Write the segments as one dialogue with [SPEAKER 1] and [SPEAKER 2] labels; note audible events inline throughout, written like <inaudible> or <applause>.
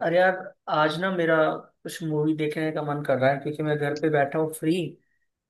[SPEAKER 1] अरे यार, आज ना मेरा कुछ मूवी देखने का मन कर रहा है क्योंकि मैं घर पे बैठा हूँ फ्री।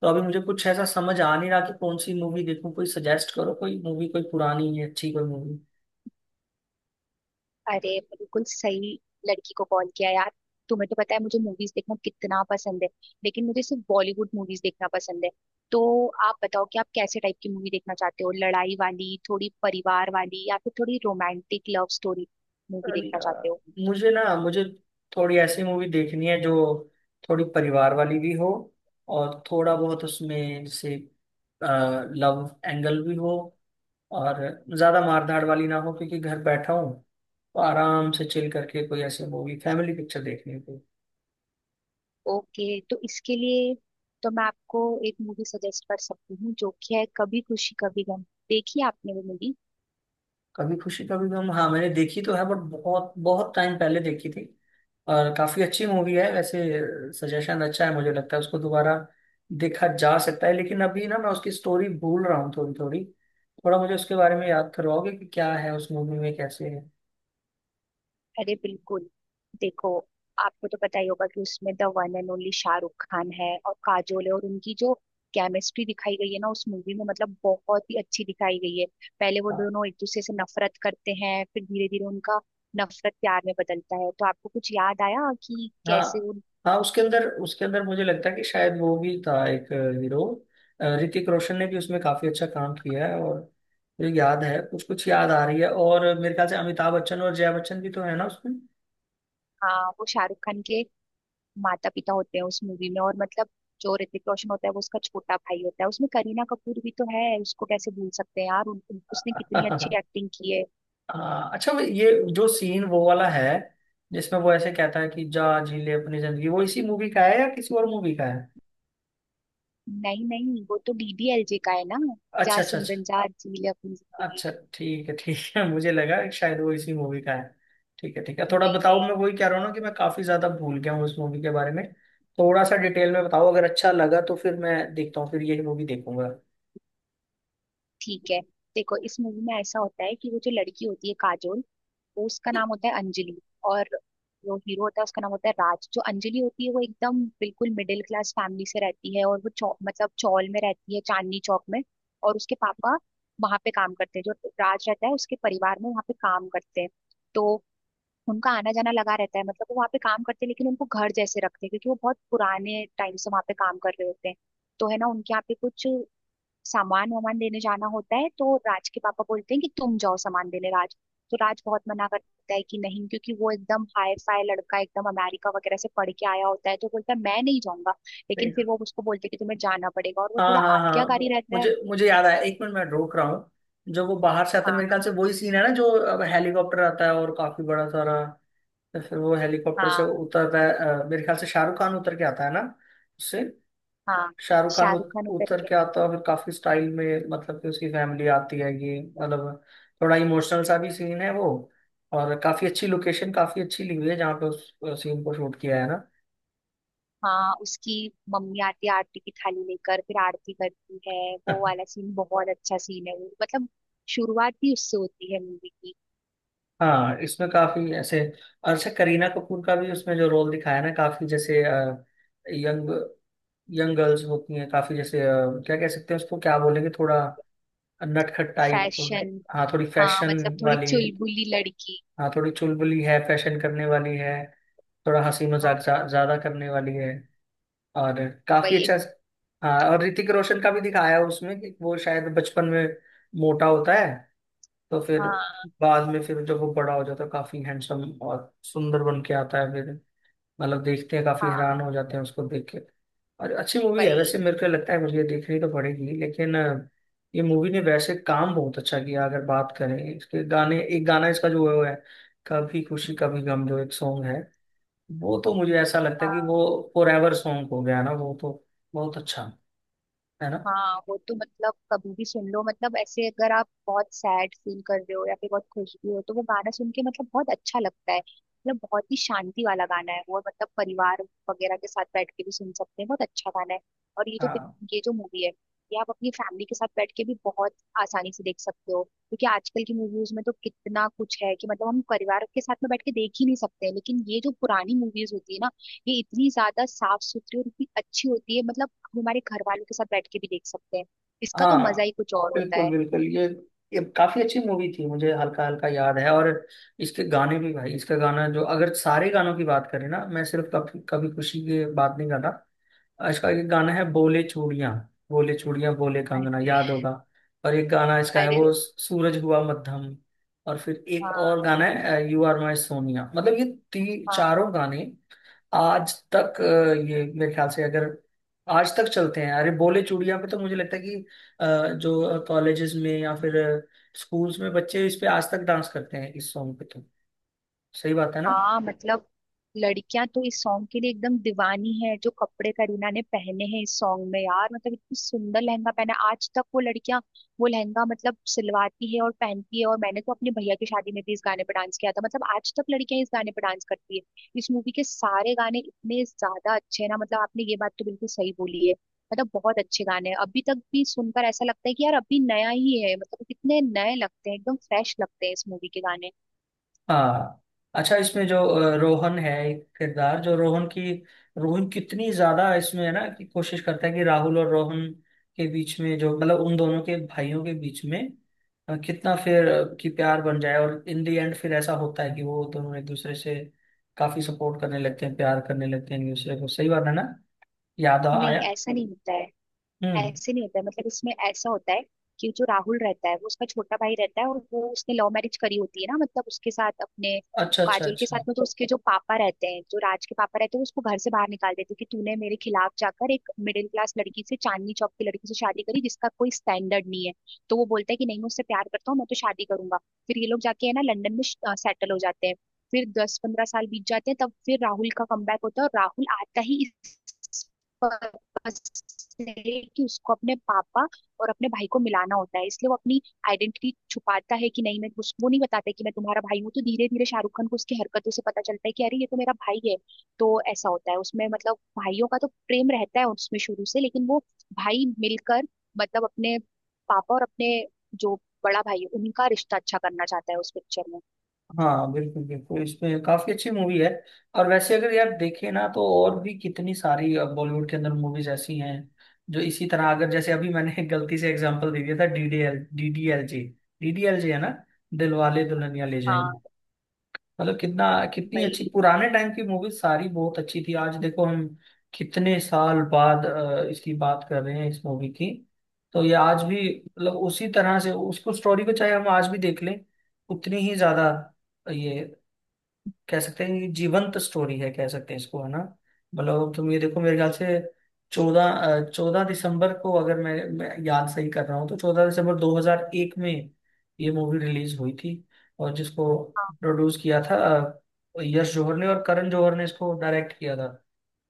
[SPEAKER 1] तो अभी मुझे कुछ ऐसा समझ आ नहीं रहा कि कौन सी मूवी देखूँ। कोई सजेस्ट करो, कोई मूवी, कोई पुरानी है अच्छी कोई मूवी।
[SPEAKER 2] अरे बिल्कुल सही। लड़की को कॉल किया यार। तुम्हें तो पता है मुझे मूवीज देखना कितना पसंद है, लेकिन मुझे सिर्फ बॉलीवुड मूवीज देखना पसंद है। तो आप बताओ कि आप कैसे टाइप की मूवी देखना चाहते हो, लड़ाई वाली, थोड़ी परिवार वाली, या फिर थोड़ी रोमांटिक लव स्टोरी मूवी देखना चाहते
[SPEAKER 1] अ,
[SPEAKER 2] हो।
[SPEAKER 1] मुझे थोड़ी ऐसी मूवी देखनी है जो थोड़ी परिवार वाली भी हो, और थोड़ा बहुत उसमें जैसे लव एंगल भी हो, और ज्यादा मारधाड़ वाली ना हो क्योंकि घर बैठा हूँ। तो आराम से चिल करके कोई ऐसी मूवी, फैमिली पिक्चर देखनी है।
[SPEAKER 2] ओके, तो इसके लिए तो मैं आपको एक मूवी सजेस्ट कर सकती हूँ जो कि है कभी खुशी कभी गम। देखी है आपने वो मूवी?
[SPEAKER 1] कभी खुशी कभी गम, हाँ मैंने देखी तो है बट बहुत बहुत टाइम पहले देखी थी, और काफी अच्छी मूवी है वैसे। सजेशन अच्छा है, मुझे लगता है उसको दोबारा देखा जा सकता है। लेकिन अभी ना मैं उसकी स्टोरी भूल रहा हूँ थोड़ी थोड़ी। थोड़ा मुझे उसके बारे में याद करवाओगे कि क्या है उस मूवी में, कैसे है।
[SPEAKER 2] अरे बिल्कुल। देखो, आपको तो पता ही होगा कि उसमें the one and only Shahrukh Khan है और काजोल है, और उनकी जो केमिस्ट्री दिखाई गई है ना उस मूवी में, मतलब बहुत ही अच्छी दिखाई गई है। पहले वो
[SPEAKER 1] हाँ
[SPEAKER 2] दोनों एक दूसरे से नफरत करते हैं, फिर धीरे धीरे उनका नफरत प्यार में बदलता है। तो आपको कुछ याद आया कि
[SPEAKER 1] हाँ
[SPEAKER 2] कैसे उन,
[SPEAKER 1] हाँ, उसके अंदर मुझे लगता है कि शायद वो भी था एक हीरो, ऋतिक रोशन ने भी उसमें काफी अच्छा काम किया है। और मुझे याद है, कुछ कुछ याद आ रही है, और मेरे ख्याल से अमिताभ बच्चन और जया बच्चन भी तो है ना उसमें।
[SPEAKER 2] हाँ, वो शाहरुख खान के माता पिता होते हैं उस मूवी में, और मतलब जो ऋतिक रोशन होता है वो उसका छोटा भाई होता है। उसमें करीना कपूर भी तो है, उसको कैसे भूल सकते हैं यार, उन, उन- उसने कितनी अच्छी
[SPEAKER 1] हाँ।
[SPEAKER 2] एक्टिंग की है।
[SPEAKER 1] अच्छा वो ये जो सीन वो वाला है जिसमें वो ऐसे कहता है कि जा जी ले अपनी जिंदगी, वो इसी मूवी का है या किसी और मूवी का है?
[SPEAKER 2] नहीं नहीं, वो तो डीडीएलजे का है ना, जा
[SPEAKER 1] अच्छा अच्छा अच्छा।
[SPEAKER 2] सिमरन जा जी ले अपनी जिंदगी।
[SPEAKER 1] अच्छा ठीक है ठीक है, मुझे लगा कि शायद वो इसी मूवी का है। ठीक है ठीक है, थोड़ा
[SPEAKER 2] नहीं
[SPEAKER 1] बताओ,
[SPEAKER 2] नहीं,
[SPEAKER 1] मैं वही कह रहा हूँ ना कि मैं काफी ज्यादा भूल गया हूँ उस मूवी के बारे में। थोड़ा सा डिटेल में बताओ, अगर अच्छा लगा तो फिर मैं देखता हूँ, फिर ये मूवी देखूंगा।
[SPEAKER 2] ठीक है। देखो, इस मूवी में ऐसा होता है कि वो जो लड़की होती है काजोल, वो उसका नाम होता है अंजलि, और जो हीरो होता है उसका नाम होता है राज। जो अंजलि होती है वो एकदम बिल्कुल मिडिल क्लास फैमिली से रहती है, और वो मतलब चौल में रहती है, चांदनी चौक में। और उसके पापा वहां पे काम करते हैं, जो राज रहता है उसके परिवार में वहां पे काम करते हैं। तो उनका आना जाना लगा रहता है, मतलब वो वहाँ पे काम करते हैं लेकिन उनको घर जैसे रखते हैं क्योंकि वो बहुत पुराने टाइम से वहाँ पे काम कर रहे होते हैं। तो है ना, उनके यहाँ पे कुछ सामान वामान देने जाना होता है, तो राज के पापा बोलते हैं कि तुम जाओ सामान देने राज। तो राज बहुत मना करता है कि नहीं, क्योंकि वो एकदम हाई फाई लड़का, एकदम अमेरिका वगैरह से पढ़ के आया होता है, तो बोलता है मैं नहीं जाऊंगा। लेकिन फिर वो उसको बोलते हैं कि तुम्हें जाना पड़ेगा, और वो
[SPEAKER 1] हाँ
[SPEAKER 2] थोड़ा
[SPEAKER 1] हाँ हाँ हाँ,
[SPEAKER 2] आज्ञाकारी रहता है।
[SPEAKER 1] मुझे मुझे याद आया, 1 मिनट मैं रोक रहा हूँ। जो वो बाहर से आता है
[SPEAKER 2] हाँ
[SPEAKER 1] मेरे ख्याल से वही सीन है ना, जो अब हेलीकॉप्टर आता है और काफी बड़ा सारा। तो फिर वो हेलीकॉप्टर से
[SPEAKER 2] हाँ
[SPEAKER 1] उतरता है, मेरे ख्याल से शाहरुख खान उतर के आता है ना उससे।
[SPEAKER 2] हाँ,
[SPEAKER 1] शाहरुख खान
[SPEAKER 2] शाहरुख खान उतर
[SPEAKER 1] उतर
[SPEAKER 2] के।
[SPEAKER 1] के आता है और फिर काफी स्टाइल में, मतलब कि उसकी फैमिली आती है ये, मतलब थोड़ा इमोशनल सा भी सीन है वो। और काफी अच्छी लोकेशन, काफी अच्छी ली हुई है जहाँ पे उस सीन को शूट किया है ना।
[SPEAKER 2] हाँ, उसकी मम्मी आती है आरती की थाली लेकर, फिर आरती करती है। वो
[SPEAKER 1] <laughs>
[SPEAKER 2] वाला सीन बहुत अच्छा सीन है वो, मतलब शुरुआत ही उससे होती है मूवी की।
[SPEAKER 1] हाँ इसमें काफी ऐसे। और अच्छा, करीना कपूर का भी उसमें जो रोल दिखाया है ना, काफी जैसे यंग, यंग गर्ल्स होती हैं, काफी जैसे क्या कह सकते हैं उसको, क्या बोलेंगे, थोड़ा नटखट टाइप।
[SPEAKER 2] फैशन।
[SPEAKER 1] हाँ थोड़ी
[SPEAKER 2] हाँ,
[SPEAKER 1] फैशन
[SPEAKER 2] मतलब थोड़ी
[SPEAKER 1] वाली।
[SPEAKER 2] चुलबुली लड़की।
[SPEAKER 1] हाँ थोड़ी चुलबुली है, फैशन करने वाली है, थोड़ा हंसी मजाक
[SPEAKER 2] हाँ
[SPEAKER 1] ज्यादा करने वाली है। और काफी
[SPEAKER 2] वही एक।
[SPEAKER 1] अच्छा। हाँ और ऋतिक रोशन का भी दिखाया है उसमें कि वो शायद बचपन में मोटा होता है, तो फिर
[SPEAKER 2] हाँ
[SPEAKER 1] बाद में फिर जब वो बड़ा हो जाता है काफी हैंडसम और सुंदर बन के आता है, फिर मतलब देखते हैं काफी हैरान
[SPEAKER 2] हाँ
[SPEAKER 1] हो जाते हैं उसको देख के। और अच्छी मूवी है
[SPEAKER 2] वही।
[SPEAKER 1] वैसे, मेरे को लगता है मुझे ये देखनी तो पड़ेगी लेकिन ये मूवी ने वैसे काम बहुत अच्छा किया। अगर बात करें इसके गाने, एक गाना इसका जो है वो है कभी खुशी कभी गम जो एक सॉन्ग है, वो तो मुझे ऐसा लगता है कि
[SPEAKER 2] हाँ,
[SPEAKER 1] वो फॉर एवर सॉन्ग हो गया ना वो तो। बहुत अच्छा है ना।
[SPEAKER 2] हाँ वो तो मतलब कभी भी सुन लो। मतलब ऐसे अगर आप बहुत सैड फील कर रहे हो या फिर बहुत खुश भी हो तो वो गाना सुन के मतलब बहुत अच्छा लगता है। मतलब बहुत ही शांति वाला गाना है वो, मतलब परिवार वगैरह के साथ बैठ के भी सुन सकते हैं, बहुत अच्छा गाना है। और ये जो
[SPEAKER 1] हाँ।
[SPEAKER 2] ये जो मूवी है, ये आप अपनी फैमिली के साथ बैठ के भी बहुत आसानी से देख सकते हो, क्योंकि आजकल की मूवीज में तो कितना कुछ है कि मतलब हम परिवार के साथ में बैठ के देख ही नहीं सकते हैं। लेकिन ये जो पुरानी मूवीज होती है ना, ये इतनी ज्यादा साफ सुथरी और इतनी अच्छी होती है, मतलब हम हमारे घर वालों के साथ बैठ के भी देख सकते हैं। इसका तो मजा
[SPEAKER 1] हाँ
[SPEAKER 2] ही कुछ और होता
[SPEAKER 1] बिल्कुल
[SPEAKER 2] है।
[SPEAKER 1] बिल्कुल, ये काफी अच्छी मूवी थी, मुझे हल्का हल्का याद है। और इसके गाने भी भाई, इसका गाना जो, अगर सारे गानों की बात करें ना, मैं सिर्फ कभी कभी खुशी की बात नहीं कर रहा। इसका एक गाना है बोले चूड़ियां, बोले चूड़ियां बोले
[SPEAKER 2] अरे
[SPEAKER 1] कंगना, याद होगा। और एक गाना इसका है वो
[SPEAKER 2] अरे।
[SPEAKER 1] सूरज हुआ मध्यम। और फिर एक और
[SPEAKER 2] हाँ
[SPEAKER 1] गाना है यू आर माय सोनिया, मतलब ये ती
[SPEAKER 2] हाँ
[SPEAKER 1] चारों गाने आज तक ये मेरे ख्याल से, अगर आज तक चलते हैं। अरे बोले चूड़ियां पे तो मुझे लगता है कि अ, जो कॉलेजेस में या फिर स्कूल्स में बच्चे इस पे आज तक डांस करते हैं इस सॉन्ग पे, तो सही बात है ना।
[SPEAKER 2] हाँ, मतलब लड़कियां तो इस सॉन्ग के लिए एकदम दीवानी है। जो कपड़े करीना ने पहने हैं इस सॉन्ग में यार, मतलब इतनी सुंदर लहंगा पहना है। आज तक वो लड़कियां वो लहंगा मतलब सिलवाती है और पहनती है, और मैंने तो अपने भैया की शादी में भी इस गाने पर डांस किया था। मतलब आज तक लड़कियां इस गाने पर डांस करती है। इस मूवी के सारे गाने इतने ज्यादा अच्छे हैं ना, मतलब आपने ये बात तो बिल्कुल सही बोली है। मतलब बहुत अच्छे गाने हैं, अभी तक भी सुनकर ऐसा लगता है कि यार अभी नया ही है। मतलब कितने नए लगते हैं, एकदम फ्रेश लगते हैं इस मूवी के गाने।
[SPEAKER 1] हाँ, अच्छा इसमें जो रोहन है, एक किरदार जो रोहन की, रोहन कितनी ज्यादा इसमें है ना कि कोशिश करता है कि राहुल और रोहन के बीच में जो, मतलब उन दोनों के भाइयों के बीच में कितना फिर कि प्यार बन जाए, और इन दी एंड फिर ऐसा होता है कि वो दोनों एक दूसरे से काफी सपोर्ट करने लगते हैं, प्यार करने लगते हैं एक दूसरे को, सही बात है ना।
[SPEAKER 2] नहीं,
[SPEAKER 1] आया।
[SPEAKER 2] ऐसा नहीं होता है।
[SPEAKER 1] हम्म।
[SPEAKER 2] ऐसे नहीं होता है, मतलब इसमें ऐसा होता है कि जो राहुल रहता है वो उसका छोटा भाई रहता है, और वो उसने लव मैरिज करी होती है ना, मतलब उसके साथ, अपने
[SPEAKER 1] अच्छा अच्छा
[SPEAKER 2] काजोल के साथ
[SPEAKER 1] अच्छा।
[SPEAKER 2] में। तो उसके जो पापा रहते हैं, जो राज के पापा रहते हैं, वो उसको घर से बाहर निकाल देते हैं कि तूने मेरे खिलाफ जाकर एक मिडिल क्लास लड़की से, चांदनी चौक की लड़की से शादी करी जिसका कोई स्टैंडर्ड नहीं है। तो वो बोलता है कि नहीं, मैं उससे प्यार करता हूँ, मैं तो शादी करूंगा। फिर ये लोग जाके है ना, लंदन में सेटल हो जाते हैं। फिर 10 15 साल बीत जाते हैं, तब फिर राहुल का कमबैक होता है, और राहुल आता ही इस से कि उसको अपने पापा और अपने भाई को मिलाना होता है, इसलिए वो अपनी आइडेंटिटी छुपाता है। कि नहीं, मैं वो नहीं बताता है कि मैं तुम्हारा भाई हूँ, तो धीरे धीरे शाहरुख खान को उसकी हरकतों से पता चलता है कि अरे ये तो मेरा भाई है। तो ऐसा होता है उसमें, मतलब भाइयों का तो प्रेम रहता है उसमें शुरू से, लेकिन वो भाई मिलकर मतलब अपने पापा और अपने जो बड़ा भाई है उनका रिश्ता अच्छा करना चाहता है उस पिक्चर में।
[SPEAKER 1] हाँ बिल्कुल बिल्कुल, इसमें काफी अच्छी मूवी है। और वैसे अगर यार देखें ना तो और भी कितनी सारी बॉलीवुड के अंदर मूवीज ऐसी हैं जो इसी तरह, अगर जैसे अभी मैंने <laughs> गलती से एग्जांपल दे दिया था डीडीएलजे, डीडीएलजे है ना, दिलवाले दुल्हनिया ले
[SPEAKER 2] हाँ
[SPEAKER 1] जाएंगे। मतलब कितना, कितनी अच्छी
[SPEAKER 2] भाई।
[SPEAKER 1] पुराने टाइम की मूवीज सारी बहुत अच्छी थी। आज देखो हम कितने साल बाद इसकी बात कर रहे हैं, इस मूवी की। तो ये आज भी मतलब उसी तरह से उसको, स्टोरी को चाहे हम आज भी देख लें उतनी ही ज्यादा, ये कह सकते हैं ये जीवंत स्टोरी है, कह सकते हैं इसको है ना। मतलब तुम ये देखो, मेरे ख्याल से चौदह चौदह दिसंबर को, अगर मैं याद सही कर रहा हूँ तो 14 दिसंबर 2001 में ये मूवी रिलीज हुई थी। और जिसको प्रोड्यूस किया था यश जौहर ने, और करण जौहर ने इसको डायरेक्ट किया था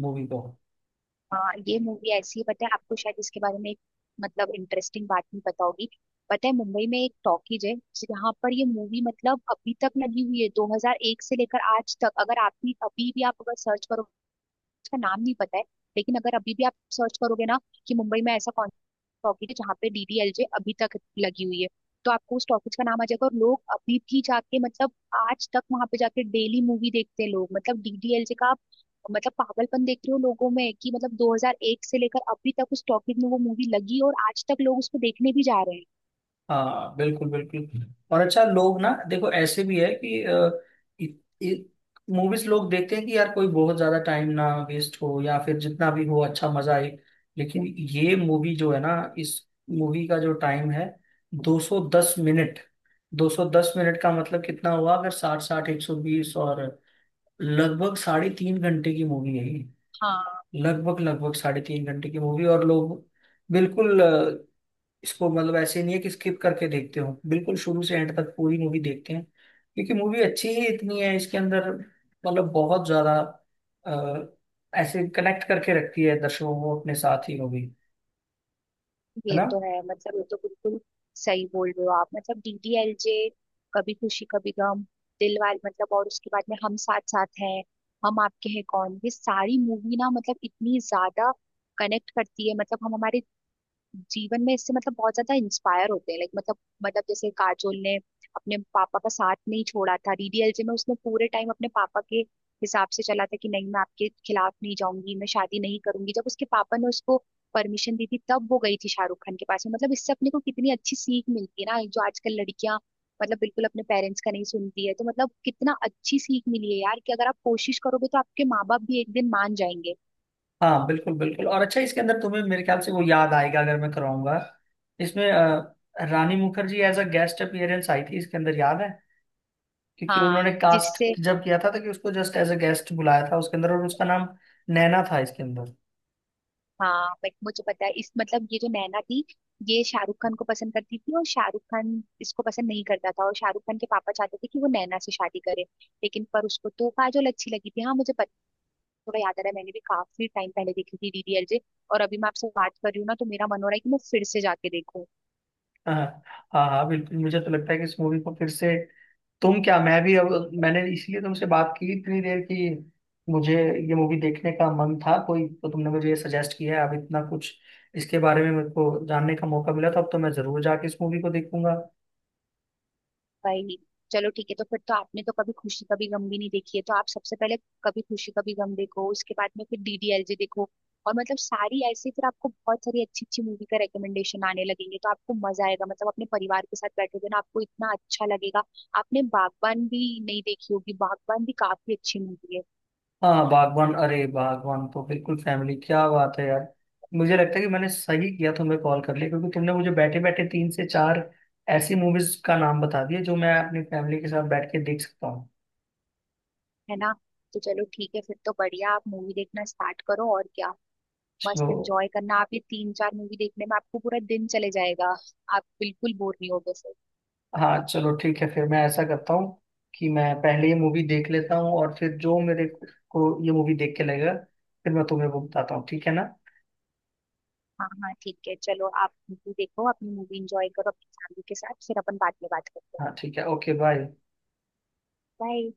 [SPEAKER 1] मूवी को।
[SPEAKER 2] हाँ, ये मूवी ऐसी है, पता है आपको शायद इसके बारे में एक मतलब इंटरेस्टिंग बात नहीं पता होगी। पता है, मुंबई में एक टॉकीज है जहाँ पर ये मूवी मतलब अभी तक लगी हुई है, 2001 से लेकर आज तक। अगर आप भी, अभी भी आप अगर सर्च करोगे, उसका नाम नहीं पता है, लेकिन अगर अभी भी आप सर्च करोगे ना कि मुंबई में ऐसा कौन टॉपिक है जहाँ पे डीडीएलजे अभी तक लगी हुई है, तो आपको उस टॉपिक का नाम आ जाएगा। और लोग अभी भी जाके, मतलब आज तक वहां पे जाके डेली मूवी देखते हैं लोग, मतलब डीडीएलजे का आप मतलब पागलपन देख रहे हो लोगों में कि मतलब 2001 से लेकर अभी तक उस टॉपिक में वो मूवी लगी, और आज तक लोग उसको देखने भी जा रहे हैं।
[SPEAKER 1] हाँ बिल्कुल बिल्कुल, और अच्छा लोग ना देखो ऐसे भी है कि मूवीज लोग देखते हैं कि यार कोई बहुत ज्यादा टाइम ना वेस्ट हो, या फिर जितना भी हो अच्छा मजा आए। लेकिन ये मूवी जो है ना, इस मूवी का जो टाइम है 210 मिनट। 210 मिनट का मतलब कितना हुआ, अगर 60, 60, 120 और लगभग 3.5 घंटे की मूवी है ये।
[SPEAKER 2] हाँ
[SPEAKER 1] लगभग लगभग साढ़े तीन घंटे की मूवी, और लोग बिल्कुल इसको, मतलब ऐसे नहीं है कि स्किप करके देखते हो, बिल्कुल शुरू से एंड तक पूरी मूवी देखते हैं क्योंकि मूवी अच्छी ही इतनी है इसके अंदर, मतलब बहुत ज्यादा अ, ऐसे कनेक्ट करके रखती है दर्शकों को अपने साथ ही मूवी, है
[SPEAKER 2] ये
[SPEAKER 1] ना।
[SPEAKER 2] तो है, मतलब ये तो बिल्कुल सही बोल रहे हो आप। मतलब डीडीएलजे, कभी खुशी कभी गम, दिलवाले, मतलब और उसके बाद में हम साथ साथ हैं, हम आपके हैं कौन, ये सारी मूवी ना मतलब इतनी ज्यादा कनेक्ट करती है, मतलब हम हमारे जीवन में इससे मतलब बहुत ज्यादा इंस्पायर होते हैं लाइक। मतलब मतलब जैसे काजोल ने अपने पापा का साथ नहीं छोड़ा था डीडीएलजे में, उसने पूरे टाइम अपने पापा के हिसाब से चला था कि नहीं मैं आपके खिलाफ नहीं जाऊंगी, मैं शादी नहीं करूंगी। जब उसके पापा ने उसको परमिशन दी थी तब वो गई थी शाहरुख खान के पास में, मतलब इससे अपने को कितनी अच्छी सीख मिलती है ना। जो आजकल लड़कियां मतलब बिल्कुल अपने पेरेंट्स का नहीं सुनती है, तो मतलब कितना अच्छी सीख मिली है यार कि अगर आप कोशिश करोगे तो आपके माँ बाप भी एक दिन मान जाएंगे।
[SPEAKER 1] हाँ बिल्कुल बिल्कुल, और अच्छा इसके अंदर तुम्हें मेरे ख्याल से वो याद आएगा, अगर मैं कराऊंगा इसमें रानी Mukherjee as a guest appearance आई थी इसके अंदर, याद है। क्योंकि
[SPEAKER 2] हाँ
[SPEAKER 1] उन्होंने कास्ट
[SPEAKER 2] जिससे।
[SPEAKER 1] जब किया था तो कि उसको जस्ट एज अ गेस्ट बुलाया था उसके अंदर, और उसका नाम नैना था इसके अंदर।
[SPEAKER 2] हाँ बट मुझे पता है इस, मतलब ये जो नैना थी, ये शाहरुख खान को पसंद करती थी और शाहरुख खान इसको पसंद नहीं करता था, और शाहरुख खान के पापा चाहते थे कि वो नैना से शादी करे, लेकिन पर उसको तो काजोल अच्छी लगी थी। हाँ मुझे पता, थोड़ा याद आ रहा है, मैंने भी काफी टाइम पहले देखी थी डीडीएलजे। और अभी मैं आपसे बात कर रही हूँ ना, तो मेरा मन हो रहा है कि मैं फिर से जाके देखूँ।
[SPEAKER 1] हाँ हाँ हाँ बिल्कुल, मुझे तो लगता है कि इस मूवी को फिर से, तुम क्या मैं भी, अब मैंने इसलिए तुमसे बात की इतनी देर की। मुझे ये मूवी देखने का मन था, कोई तो तुमने मुझे ये सजेस्ट किया है। अब इतना कुछ इसके बारे में मेरे को जानने का मौका मिला, तो अब तो मैं जरूर जाके इस मूवी को देखूंगा।
[SPEAKER 2] भाई चलो ठीक है, तो फिर तो आपने तो कभी खुशी कभी गम भी नहीं देखी है, तो आप सबसे पहले कभी खुशी कभी गम देखो, उसके बाद में फिर डीडीएलजे देखो। और मतलब सारी ऐसे फिर आपको बहुत सारी अच्छी अच्छी मूवी का रिकमेंडेशन आने लगेंगे, तो आपको मजा आएगा। मतलब अपने परिवार के साथ बैठोगे ना आपको इतना अच्छा लगेगा। आपने बागबान भी नहीं देखी होगी, बागबान भी काफी अच्छी मूवी है
[SPEAKER 1] हाँ बागवान, अरे बागवान तो बिल्कुल फैमिली, क्या बात है यार। मुझे लगता है कि मैंने सही किया तुम्हें कॉल कर लिया, क्योंकि तुमने मुझे बैठे बैठे तीन से चार ऐसी मूवीज का नाम बता दिए जो मैं अपनी फैमिली के साथ बैठ के देख सकता हूँ।
[SPEAKER 2] है ना। तो चलो ठीक है फिर तो, बढ़िया, आप मूवी देखना स्टार्ट करो, और क्या मस्त
[SPEAKER 1] तो
[SPEAKER 2] एंजॉय करना। आप ये 3 4 मूवी देखने में आपको पूरा दिन चले जाएगा, आप बिल्कुल बोर नहीं होगे।
[SPEAKER 1] हाँ चलो ठीक है, फिर मैं ऐसा करता हूँ कि मैं पहले ये मूवी देख लेता हूँ, और फिर जो मेरे को ये मूवी देख के लगेगा फिर मैं तुम्हें वो बताता हूँ, ठीक है ना।
[SPEAKER 2] हाँ हाँ ठीक है, चलो आप मूवी देखो, अपनी मूवी एंजॉय करो अपनी फैमिली के साथ, फिर अपन बाद में बात करते हैं।
[SPEAKER 1] हाँ ठीक है, ओके बाय।
[SPEAKER 2] बाय।